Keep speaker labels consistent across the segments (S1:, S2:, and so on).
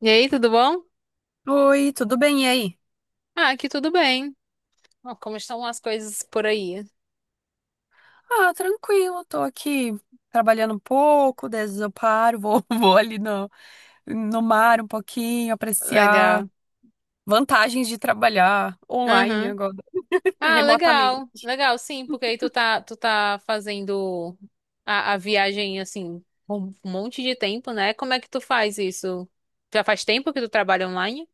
S1: E aí, tudo bom?
S2: Oi, tudo bem? E aí?
S1: Ah, aqui tudo bem. Ó, como estão as coisas por aí?
S2: Ah, tranquilo, tô aqui trabalhando um pouco, daí às vezes eu paro, vou, vou ali no mar um pouquinho, apreciar
S1: Legal.
S2: vantagens de trabalhar online
S1: Aham.
S2: agora,
S1: Ah, legal.
S2: remotamente.
S1: Legal, sim, porque aí tu tá fazendo a viagem, assim, um monte de tempo, né? Como é que tu faz isso? Já faz tempo que tu trabalha online?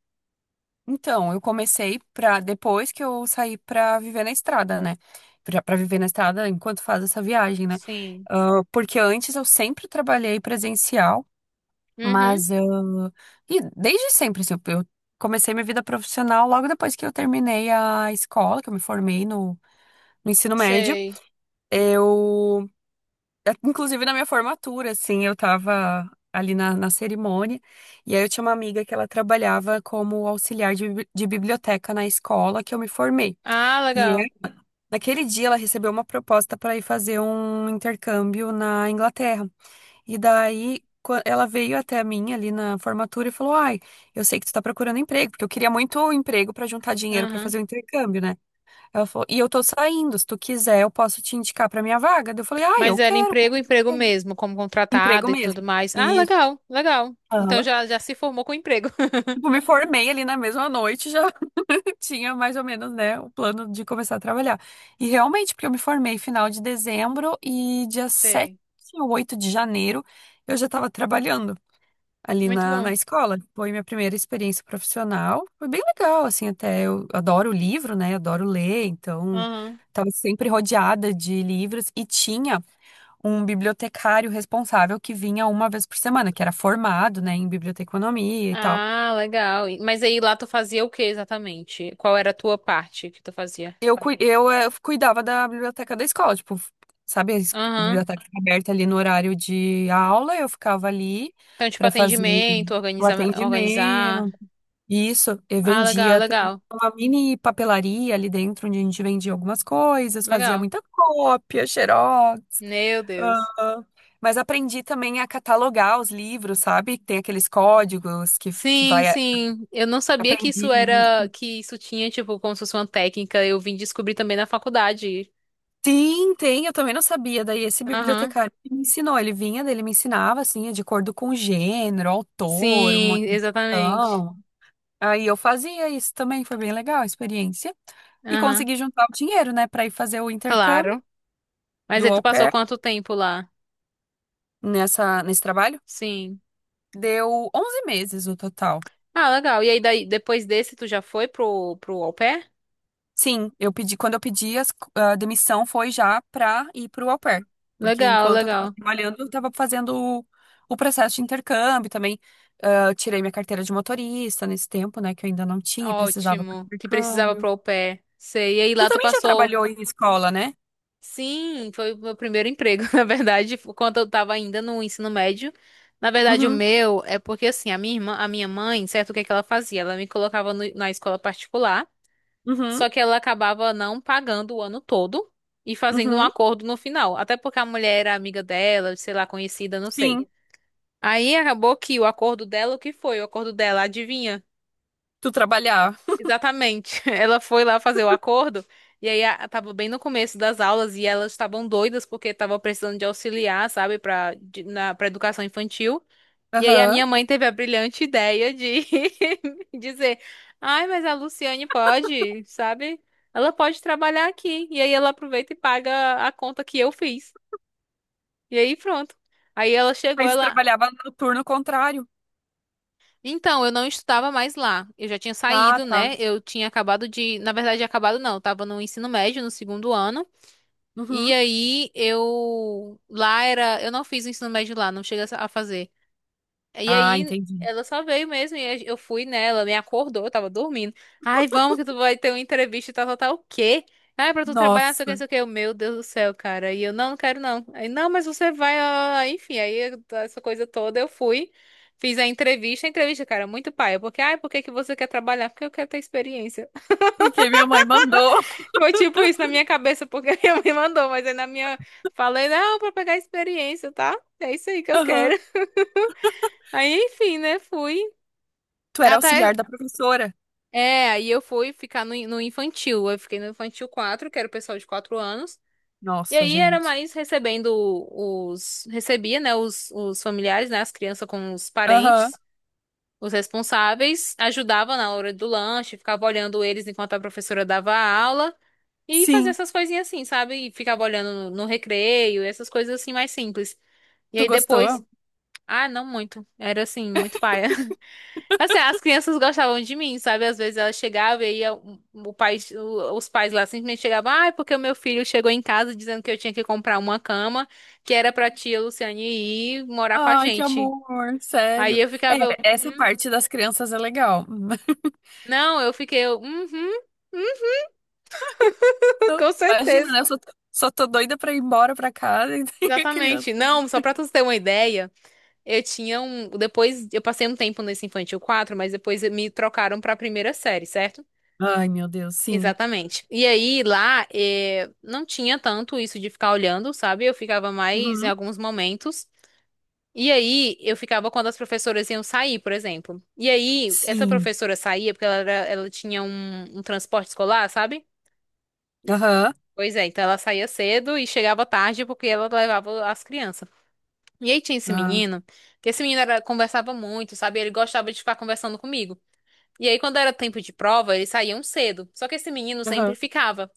S2: Então, eu comecei pra, depois que eu saí pra viver na estrada, né? Pra viver na estrada enquanto faz essa viagem, né?
S1: Sim.
S2: Ah, porque antes eu sempre trabalhei presencial.
S1: Uhum,
S2: Mas eu. E desde sempre, assim, eu comecei minha vida profissional logo depois que eu terminei a escola, que eu me formei no ensino médio.
S1: sei.
S2: Eu. Inclusive na minha formatura, assim, eu tava ali na cerimônia. E aí eu tinha uma amiga que ela trabalhava como auxiliar de biblioteca na escola que eu me formei.
S1: Ah,
S2: E
S1: legal.
S2: naquele dia ela recebeu uma proposta para ir fazer um intercâmbio na Inglaterra. E daí ela veio até mim ali na formatura e falou: "Ai, eu sei que tu tá procurando emprego, porque eu queria muito um emprego pra juntar dinheiro pra
S1: Aham.
S2: fazer o intercâmbio, né?" Ela falou: "E eu tô saindo, se tu quiser, eu posso te indicar pra minha vaga." Daí eu falei: "Ai,
S1: Mas
S2: eu
S1: era
S2: quero.
S1: emprego, emprego
S2: É,
S1: mesmo, como
S2: emprego
S1: contratado e tudo
S2: mesmo."
S1: mais. Ah,
S2: Isso.
S1: legal, legal. Então
S2: Aham.
S1: já, já se formou com emprego.
S2: Tipo, me formei ali na mesma noite, já tinha mais ou menos, né, o plano de começar a trabalhar. E realmente, porque eu me formei final de dezembro e dia sete
S1: Sei.
S2: ou oito de janeiro eu já estava trabalhando ali
S1: Muito
S2: na
S1: bom.
S2: escola. Foi minha primeira experiência profissional. Foi bem legal, assim, até eu adoro livro, né? Adoro ler, então
S1: Aham.
S2: estava sempre rodeada de livros e tinha um bibliotecário responsável que vinha uma vez por semana, que era formado, né, em biblioteconomia e tal.
S1: Ah, legal. E- Mas aí lá tu fazia o que exatamente? Qual era a tua parte que tu fazia?
S2: Eu cuidava da biblioteca da escola, tipo, sabe, a
S1: Aham.
S2: biblioteca fica aberta ali no horário de aula, eu ficava ali
S1: Então, tipo,
S2: para fazer
S1: atendimento,
S2: o
S1: organizar, organizar.
S2: atendimento, e isso, eu
S1: Ah, legal,
S2: vendia também
S1: legal.
S2: uma mini papelaria ali dentro, onde a gente vendia algumas coisas, fazia
S1: Legal.
S2: muita cópia, xerox.
S1: Meu Deus.
S2: ah, Mas aprendi também a catalogar os livros, sabe? Tem aqueles códigos que
S1: Sim,
S2: vai.
S1: sim. Eu não sabia que
S2: Aprendi
S1: isso era,
S2: isso.
S1: que isso tinha, tipo, como se fosse uma técnica. Eu vim descobrir também na faculdade.
S2: Sim, tem, eu também não sabia. Daí esse
S1: Aham.
S2: bibliotecário que me ensinou. Ele vinha, daí ele me ensinava, assim, de acordo com o gênero, autor, uma
S1: Sim, exatamente.
S2: edição. Aí eu fazia isso também, foi bem legal a experiência. E
S1: Aham.
S2: consegui juntar o dinheiro, né, pra ir fazer o intercâmbio
S1: Claro. Mas aí
S2: do
S1: tu
S2: au
S1: passou
S2: pair
S1: quanto tempo lá?
S2: nesse trabalho.
S1: Sim.
S2: Deu 11 meses o total.
S1: Ah, legal. E aí daí, depois desse, tu já foi pro, pro au pair?
S2: Sim, eu pedi, quando eu pedi a demissão foi já pra ir pro au pair. Porque
S1: Legal,
S2: enquanto eu tava
S1: legal.
S2: trabalhando, eu tava fazendo o, o processo de intercâmbio também. Ah, eu tirei minha carteira de motorista nesse tempo, né, que eu ainda não tinha e precisava pro
S1: Ótimo. Que precisava
S2: intercâmbio.
S1: pro au pair. Sei. E aí
S2: Tu
S1: lá tu
S2: também já
S1: passou.
S2: trabalhou em escola, né?
S1: Sim, foi o meu primeiro emprego, na verdade, quando eu tava ainda no ensino médio. Na verdade, o
S2: Uhum,
S1: meu é porque assim, a minha irmã, a minha mãe, certo, o que é que ela fazia? Ela me colocava na escola particular,
S2: uhum,
S1: só que ela acabava não pagando o ano todo e fazendo um
S2: uhum.
S1: acordo no final, até porque a mulher era amiga dela, sei lá, conhecida, não sei.
S2: Sim.
S1: Aí acabou que o acordo dela, o que foi? O acordo dela, adivinha?
S2: Tu trabalhar.
S1: Exatamente. Ela foi lá fazer o acordo e aí tava bem no começo das aulas e elas estavam doidas porque estavam precisando de auxiliar, sabe, para educação infantil. E aí a
S2: Aham.
S1: minha mãe teve a brilhante ideia de dizer: "Ai, mas a Luciane pode, sabe? Ela pode trabalhar aqui". E aí ela aproveita e paga a conta que eu fiz. E aí pronto. Aí ela chegou,
S2: Mas
S1: ela
S2: trabalhava no turno contrário.
S1: Então, eu não estudava mais lá. Eu já tinha
S2: Ah,
S1: saído,
S2: tá.
S1: né? Eu tinha acabado de. Na verdade, acabado não. Eu tava no ensino médio, no segundo ano. E
S2: Uhum.
S1: aí, eu. Lá era. Eu não fiz o ensino médio lá, não cheguei a fazer. E
S2: Ah,
S1: aí
S2: entendi.
S1: ela só veio mesmo e eu fui nela, me acordou, eu tava dormindo. Ai, vamos que tu vai ter uma entrevista e tal, tal, tal. O quê? Ai, pra tu trabalhar, não sei o que, não
S2: Nossa,
S1: sei o que. Eu, meu Deus do céu, cara. E eu, não, não quero não. Aí, não, mas você vai, ó, enfim. Aí essa coisa toda eu fui, fiz a entrevista. A entrevista, cara, muito paia. Porque, ai, por que que você quer trabalhar? Porque eu quero ter experiência.
S2: porque minha mãe mandou.
S1: Foi tipo isso na minha cabeça, porque a minha mãe mandou, mas aí na minha. Falei, não, pra pegar experiência, tá? É isso aí que eu quero.
S2: Aham.
S1: Aí, enfim, né, fui.
S2: Tu era
S1: Até
S2: auxiliar da professora.
S1: é, aí eu fui ficar no infantil. Eu fiquei no infantil 4, que era o pessoal de 4 anos. E
S2: Nossa,
S1: aí era
S2: gente.
S1: mais recebendo os. Recebia, né? Os familiares, né? As crianças com os
S2: Aham.
S1: parentes, os responsáveis. Ajudava na hora do lanche, ficava olhando eles enquanto a professora dava a aula. E fazia
S2: Sim.
S1: essas coisinhas assim, sabe? E ficava olhando no recreio, essas coisas assim mais simples. E
S2: Tu
S1: aí depois.
S2: gostou?
S1: Ah, não muito. Era assim, muito paia. Assim, as crianças gostavam de mim, sabe? Às vezes ela chegava e aí o, os pais lá simplesmente chegavam, ah, é porque o meu filho chegou em casa dizendo que eu tinha que comprar uma cama que era pra tia Luciane ir morar com a
S2: Ai, que
S1: gente.
S2: amor,
S1: Aí
S2: sério.
S1: eu
S2: É,
S1: ficava, eu,
S2: essa
S1: "Hum?"
S2: parte das crianças é legal.
S1: Não, eu fiquei, eu, hum,
S2: Não,
S1: com
S2: imagina,
S1: certeza.
S2: né? Eu só, só tô doida pra ir embora pra casa e tem a criança.
S1: Exatamente.
S2: Aí.
S1: Não, só pra tu ter uma ideia, eu tinha um. Depois, eu passei um tempo nesse Infantil 4, mas depois me trocaram pra primeira série, certo?
S2: Ai, meu Deus, sim.
S1: Exatamente. E aí lá não tinha tanto isso de ficar olhando, sabe? Eu ficava mais em
S2: Uhum.
S1: alguns momentos. E aí eu ficava quando as professoras iam sair, por exemplo. E aí essa
S2: Sim.
S1: professora saía porque ela tinha um transporte escolar, sabe?
S2: Aham.
S1: Pois é, então ela saía cedo e chegava tarde porque ela levava as crianças. E aí tinha esse
S2: Ah,
S1: menino, que esse menino conversava muito, sabe? Ele gostava de ficar conversando comigo. E aí quando era tempo de prova, eles saíam cedo. Só que esse menino sempre
S2: aham.
S1: ficava.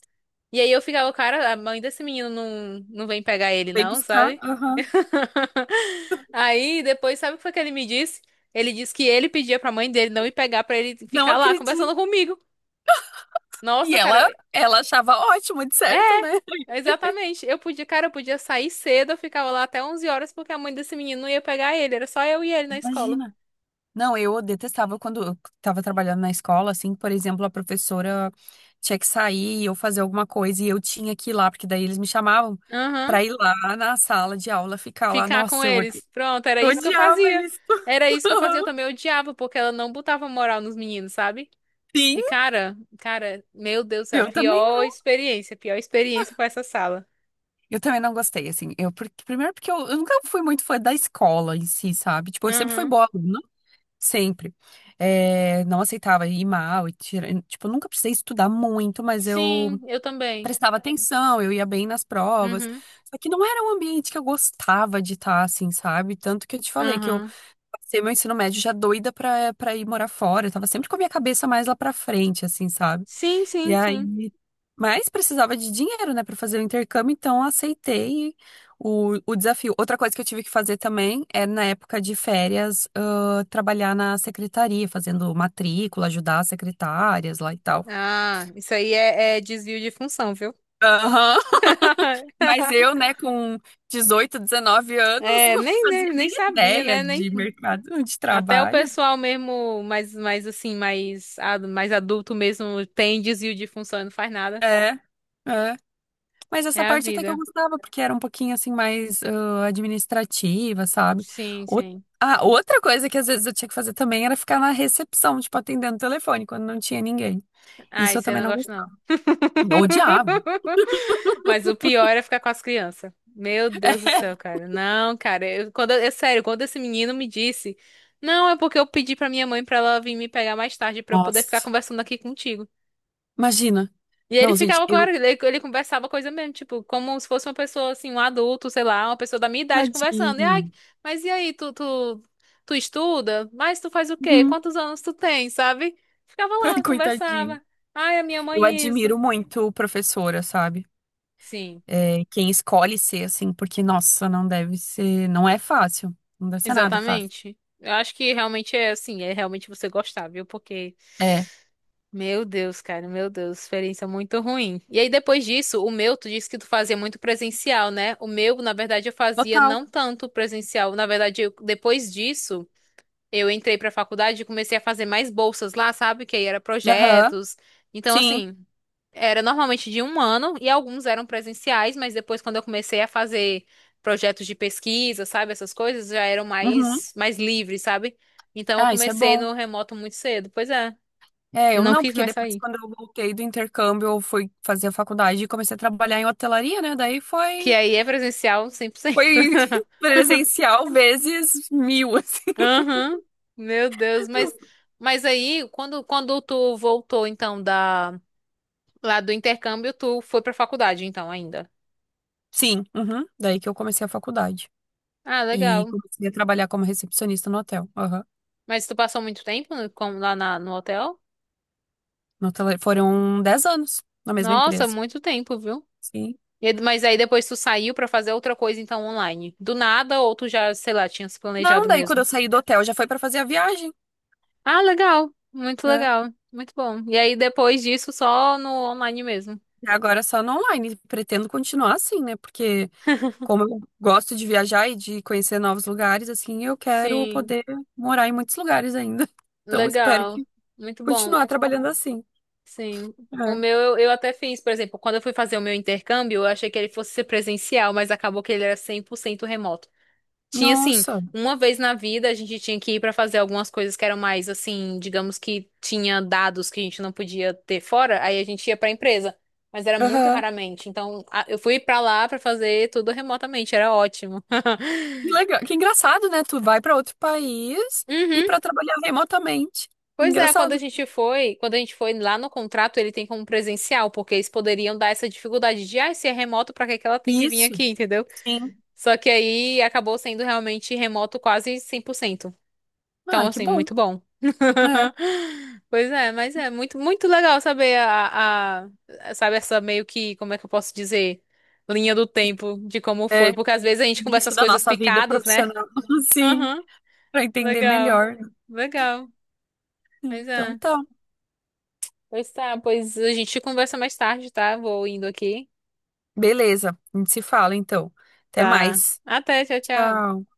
S1: E aí eu ficava, cara, a mãe desse menino não, não vem pegar ele,
S2: Vem
S1: não,
S2: buscar.
S1: sabe?
S2: Aham.
S1: Aí depois, sabe o que foi que ele me disse? Ele disse que ele pedia pra mãe dele não ir pegar pra ele
S2: Não
S1: ficar lá
S2: acredito.
S1: conversando comigo.
S2: E
S1: Nossa, cara,
S2: ela achava ótimo, de certo, né?
S1: exatamente. Eu podia, cara, eu podia sair cedo, eu ficava lá até 11 horas porque a mãe desse menino não ia pegar ele, era só eu e ele na escola.
S2: Imagina. Não, eu detestava quando eu estava trabalhando na escola, assim, por exemplo, a professora tinha que sair ou fazer alguma coisa e eu tinha que ir lá, porque daí eles me chamavam
S1: Aham.
S2: pra ir lá na sala de aula ficar lá.
S1: Ficar com
S2: Nossa, eu odi-
S1: eles. Pronto, era
S2: eu
S1: isso que eu
S2: odiava
S1: fazia.
S2: isso.
S1: Era isso que eu fazia, eu também odiava porque ela não botava moral nos meninos, sabe?
S2: Sim,
S1: E cara, meu Deus do céu,
S2: eu também não.
S1: pior experiência foi essa sala.
S2: Eu também não gostei, assim. Primeiro porque eu nunca fui muito fã da escola em si, sabe? Tipo, eu sempre fui
S1: Aham.
S2: boa aluna. Sempre. É, não aceitava ir mal e tipo, eu nunca precisei estudar muito, mas
S1: Sim,
S2: eu
S1: eu também.
S2: prestava atenção, eu ia bem nas provas.
S1: Uhum.
S2: Só que não era um ambiente que eu gostava de estar, assim, sabe? Tanto que eu te falei que eu
S1: Aham.
S2: passei meu ensino médio já doida pra ir morar fora. Eu tava sempre com a minha cabeça mais lá pra frente, assim, sabe?
S1: Sim,
S2: E
S1: sim,
S2: aí,
S1: sim.
S2: mas precisava de dinheiro, né, para fazer o intercâmbio, então eu aceitei o desafio. Outra coisa que eu tive que fazer também é, na época de férias, trabalhar na secretaria, fazendo matrícula, ajudar as secretárias lá e tal.
S1: Ah, isso aí é desvio de função, viu?
S2: Aham. Mas eu, né, com 18, 19 anos,
S1: É,
S2: não
S1: nem,
S2: fazia
S1: nem, nem
S2: nem
S1: sabia,
S2: ideia
S1: né? Nem...
S2: de mercado de
S1: Até o
S2: trabalho.
S1: pessoal mesmo, mais assim, mais, mais adulto mesmo, tem desvio de função e não faz nada.
S2: É, é. Mas
S1: É
S2: essa
S1: a
S2: parte até que eu
S1: vida.
S2: gostava, porque era um pouquinho assim mais administrativa, sabe?
S1: Sim,
S2: Ou-
S1: sim.
S2: Outra coisa que às vezes eu tinha que fazer também era ficar na recepção, tipo, atendendo o telefone quando não tinha ninguém.
S1: Ah,
S2: Isso eu
S1: isso aí eu
S2: também
S1: não
S2: não
S1: gosto, não.
S2: gostava. Odiava.
S1: Mas o pior é ficar com as crianças. Meu Deus do céu, cara. Não, cara, eu, quando, é sério, quando esse menino me disse, não, é porque eu pedi pra minha mãe pra ela vir me pegar mais tarde pra eu poder ficar
S2: Nossa,
S1: conversando aqui contigo.
S2: imagina.
S1: E ele
S2: Não, gente,
S1: ficava com
S2: eu.
S1: ele, ele conversava coisa mesmo, tipo, como se fosse uma pessoa assim, um adulto, sei lá, uma pessoa da minha idade conversando. E
S2: Tadinho.
S1: ai, mas e aí, tu estuda? Mas tu faz o quê?
S2: Uhum.
S1: Quantos anos tu tem, sabe? Ficava lá,
S2: Coitadinho.
S1: conversava. Ai, a minha
S2: Eu
S1: mãe isso.
S2: admiro muito professora, sabe?
S1: Sim.
S2: É, quem escolhe ser assim, porque, nossa, não deve ser. Não é fácil. Não deve ser nada fácil.
S1: Exatamente. Eu acho que realmente é assim, é realmente você gostar, viu? Porque,
S2: É,
S1: meu Deus, cara, meu Deus, experiência muito ruim. E aí depois disso, o meu, tu disse que tu fazia muito presencial, né? O meu, na verdade, eu fazia
S2: total.
S1: não tanto presencial. Na verdade, depois disso, eu entrei pra faculdade e comecei a fazer mais bolsas lá, sabe? Que aí era
S2: Aham,
S1: projetos. Então,
S2: sim.
S1: assim. Era normalmente de um ano e alguns eram presenciais, mas depois quando eu comecei a fazer projetos de pesquisa, sabe, essas coisas já eram
S2: Uhum.
S1: mais livres, sabe? Então eu
S2: Ah, isso é
S1: comecei
S2: bom.
S1: no remoto muito cedo, pois é,
S2: É,
S1: e
S2: eu
S1: não
S2: não,
S1: quis
S2: porque
S1: mais
S2: depois
S1: sair.
S2: quando eu voltei do intercâmbio, eu fui fazer a faculdade e comecei a trabalhar em hotelaria, né? Daí
S1: Que
S2: foi,
S1: aí é presencial 100%.
S2: foi presencial vezes 1.000, assim.
S1: Aham. Meu Deus, mas mas aí quando tu voltou então da lá do intercâmbio, tu foi pra faculdade então ainda.
S2: Sim, uhum. Daí que eu comecei a faculdade.
S1: Ah,
S2: E
S1: legal.
S2: comecei a trabalhar como recepcionista no hotel. Aham.
S1: Mas tu passou muito tempo no hotel?
S2: No hotel, foram 10 anos na mesma
S1: Nossa,
S2: empresa.
S1: muito tempo, viu?
S2: Sim.
S1: Mas aí depois tu saiu pra fazer outra coisa, então, online. Do nada, ou tu já, sei lá, tinha se
S2: Não,
S1: planejado
S2: daí quando
S1: mesmo.
S2: eu saí do hotel já foi para fazer a viagem,
S1: Ah, legal. Muito
S2: né?
S1: legal. Muito bom. E aí depois disso, só no online mesmo.
S2: E agora é só no online. Pretendo continuar assim, né? Porque como eu gosto de viajar e de conhecer novos lugares, assim, eu quero
S1: Sim,
S2: poder morar em muitos lugares ainda. Então, espero
S1: legal.
S2: que
S1: Muito bom.
S2: continuar trabalhando assim.
S1: Sim. O
S2: É.
S1: meu, eu até fiz, por exemplo, quando eu fui fazer o meu intercâmbio, eu achei que ele fosse ser presencial, mas acabou que ele era 100% remoto. Tinha assim,
S2: Nossa.
S1: uma vez na vida a gente tinha que ir pra fazer algumas coisas que eram mais assim, digamos que tinha dados que a gente não podia ter fora, aí a gente ia pra empresa, mas era muito
S2: Aham.
S1: raramente. Então, eu fui pra lá pra fazer tudo remotamente, era ótimo.
S2: Que legal. Que engraçado, né? Tu vai para outro país e
S1: Uhum.
S2: para trabalhar remotamente.
S1: Pois é, quando a
S2: Engraçado.
S1: gente foi, quando a gente foi lá no contrato, ele tem como presencial, porque eles poderiam dar essa dificuldade de, ah, se é remoto, pra que que ela tem que vir
S2: Isso,
S1: aqui, entendeu?
S2: sim.
S1: Só que aí acabou sendo realmente remoto quase 100%. Então,
S2: Ah, que
S1: assim,
S2: bom.
S1: muito bom.
S2: É.
S1: Pois é, mas é muito, muito legal saber a, sabe, essa meio que, como é que eu posso dizer, linha do tempo de como
S2: É
S1: foi, porque às vezes a gente conversa
S2: início
S1: as
S2: da
S1: coisas
S2: nossa vida
S1: picadas, né?
S2: profissional, sim,
S1: Aham,
S2: para entender
S1: legal,
S2: melhor.
S1: legal, mas
S2: Então
S1: é.
S2: tá.
S1: Pois tá, pois a gente conversa mais tarde, tá? Vou indo aqui.
S2: Beleza. A gente se fala então. Até
S1: Tá.
S2: mais.
S1: Até, tchau, tchau.
S2: Tchau.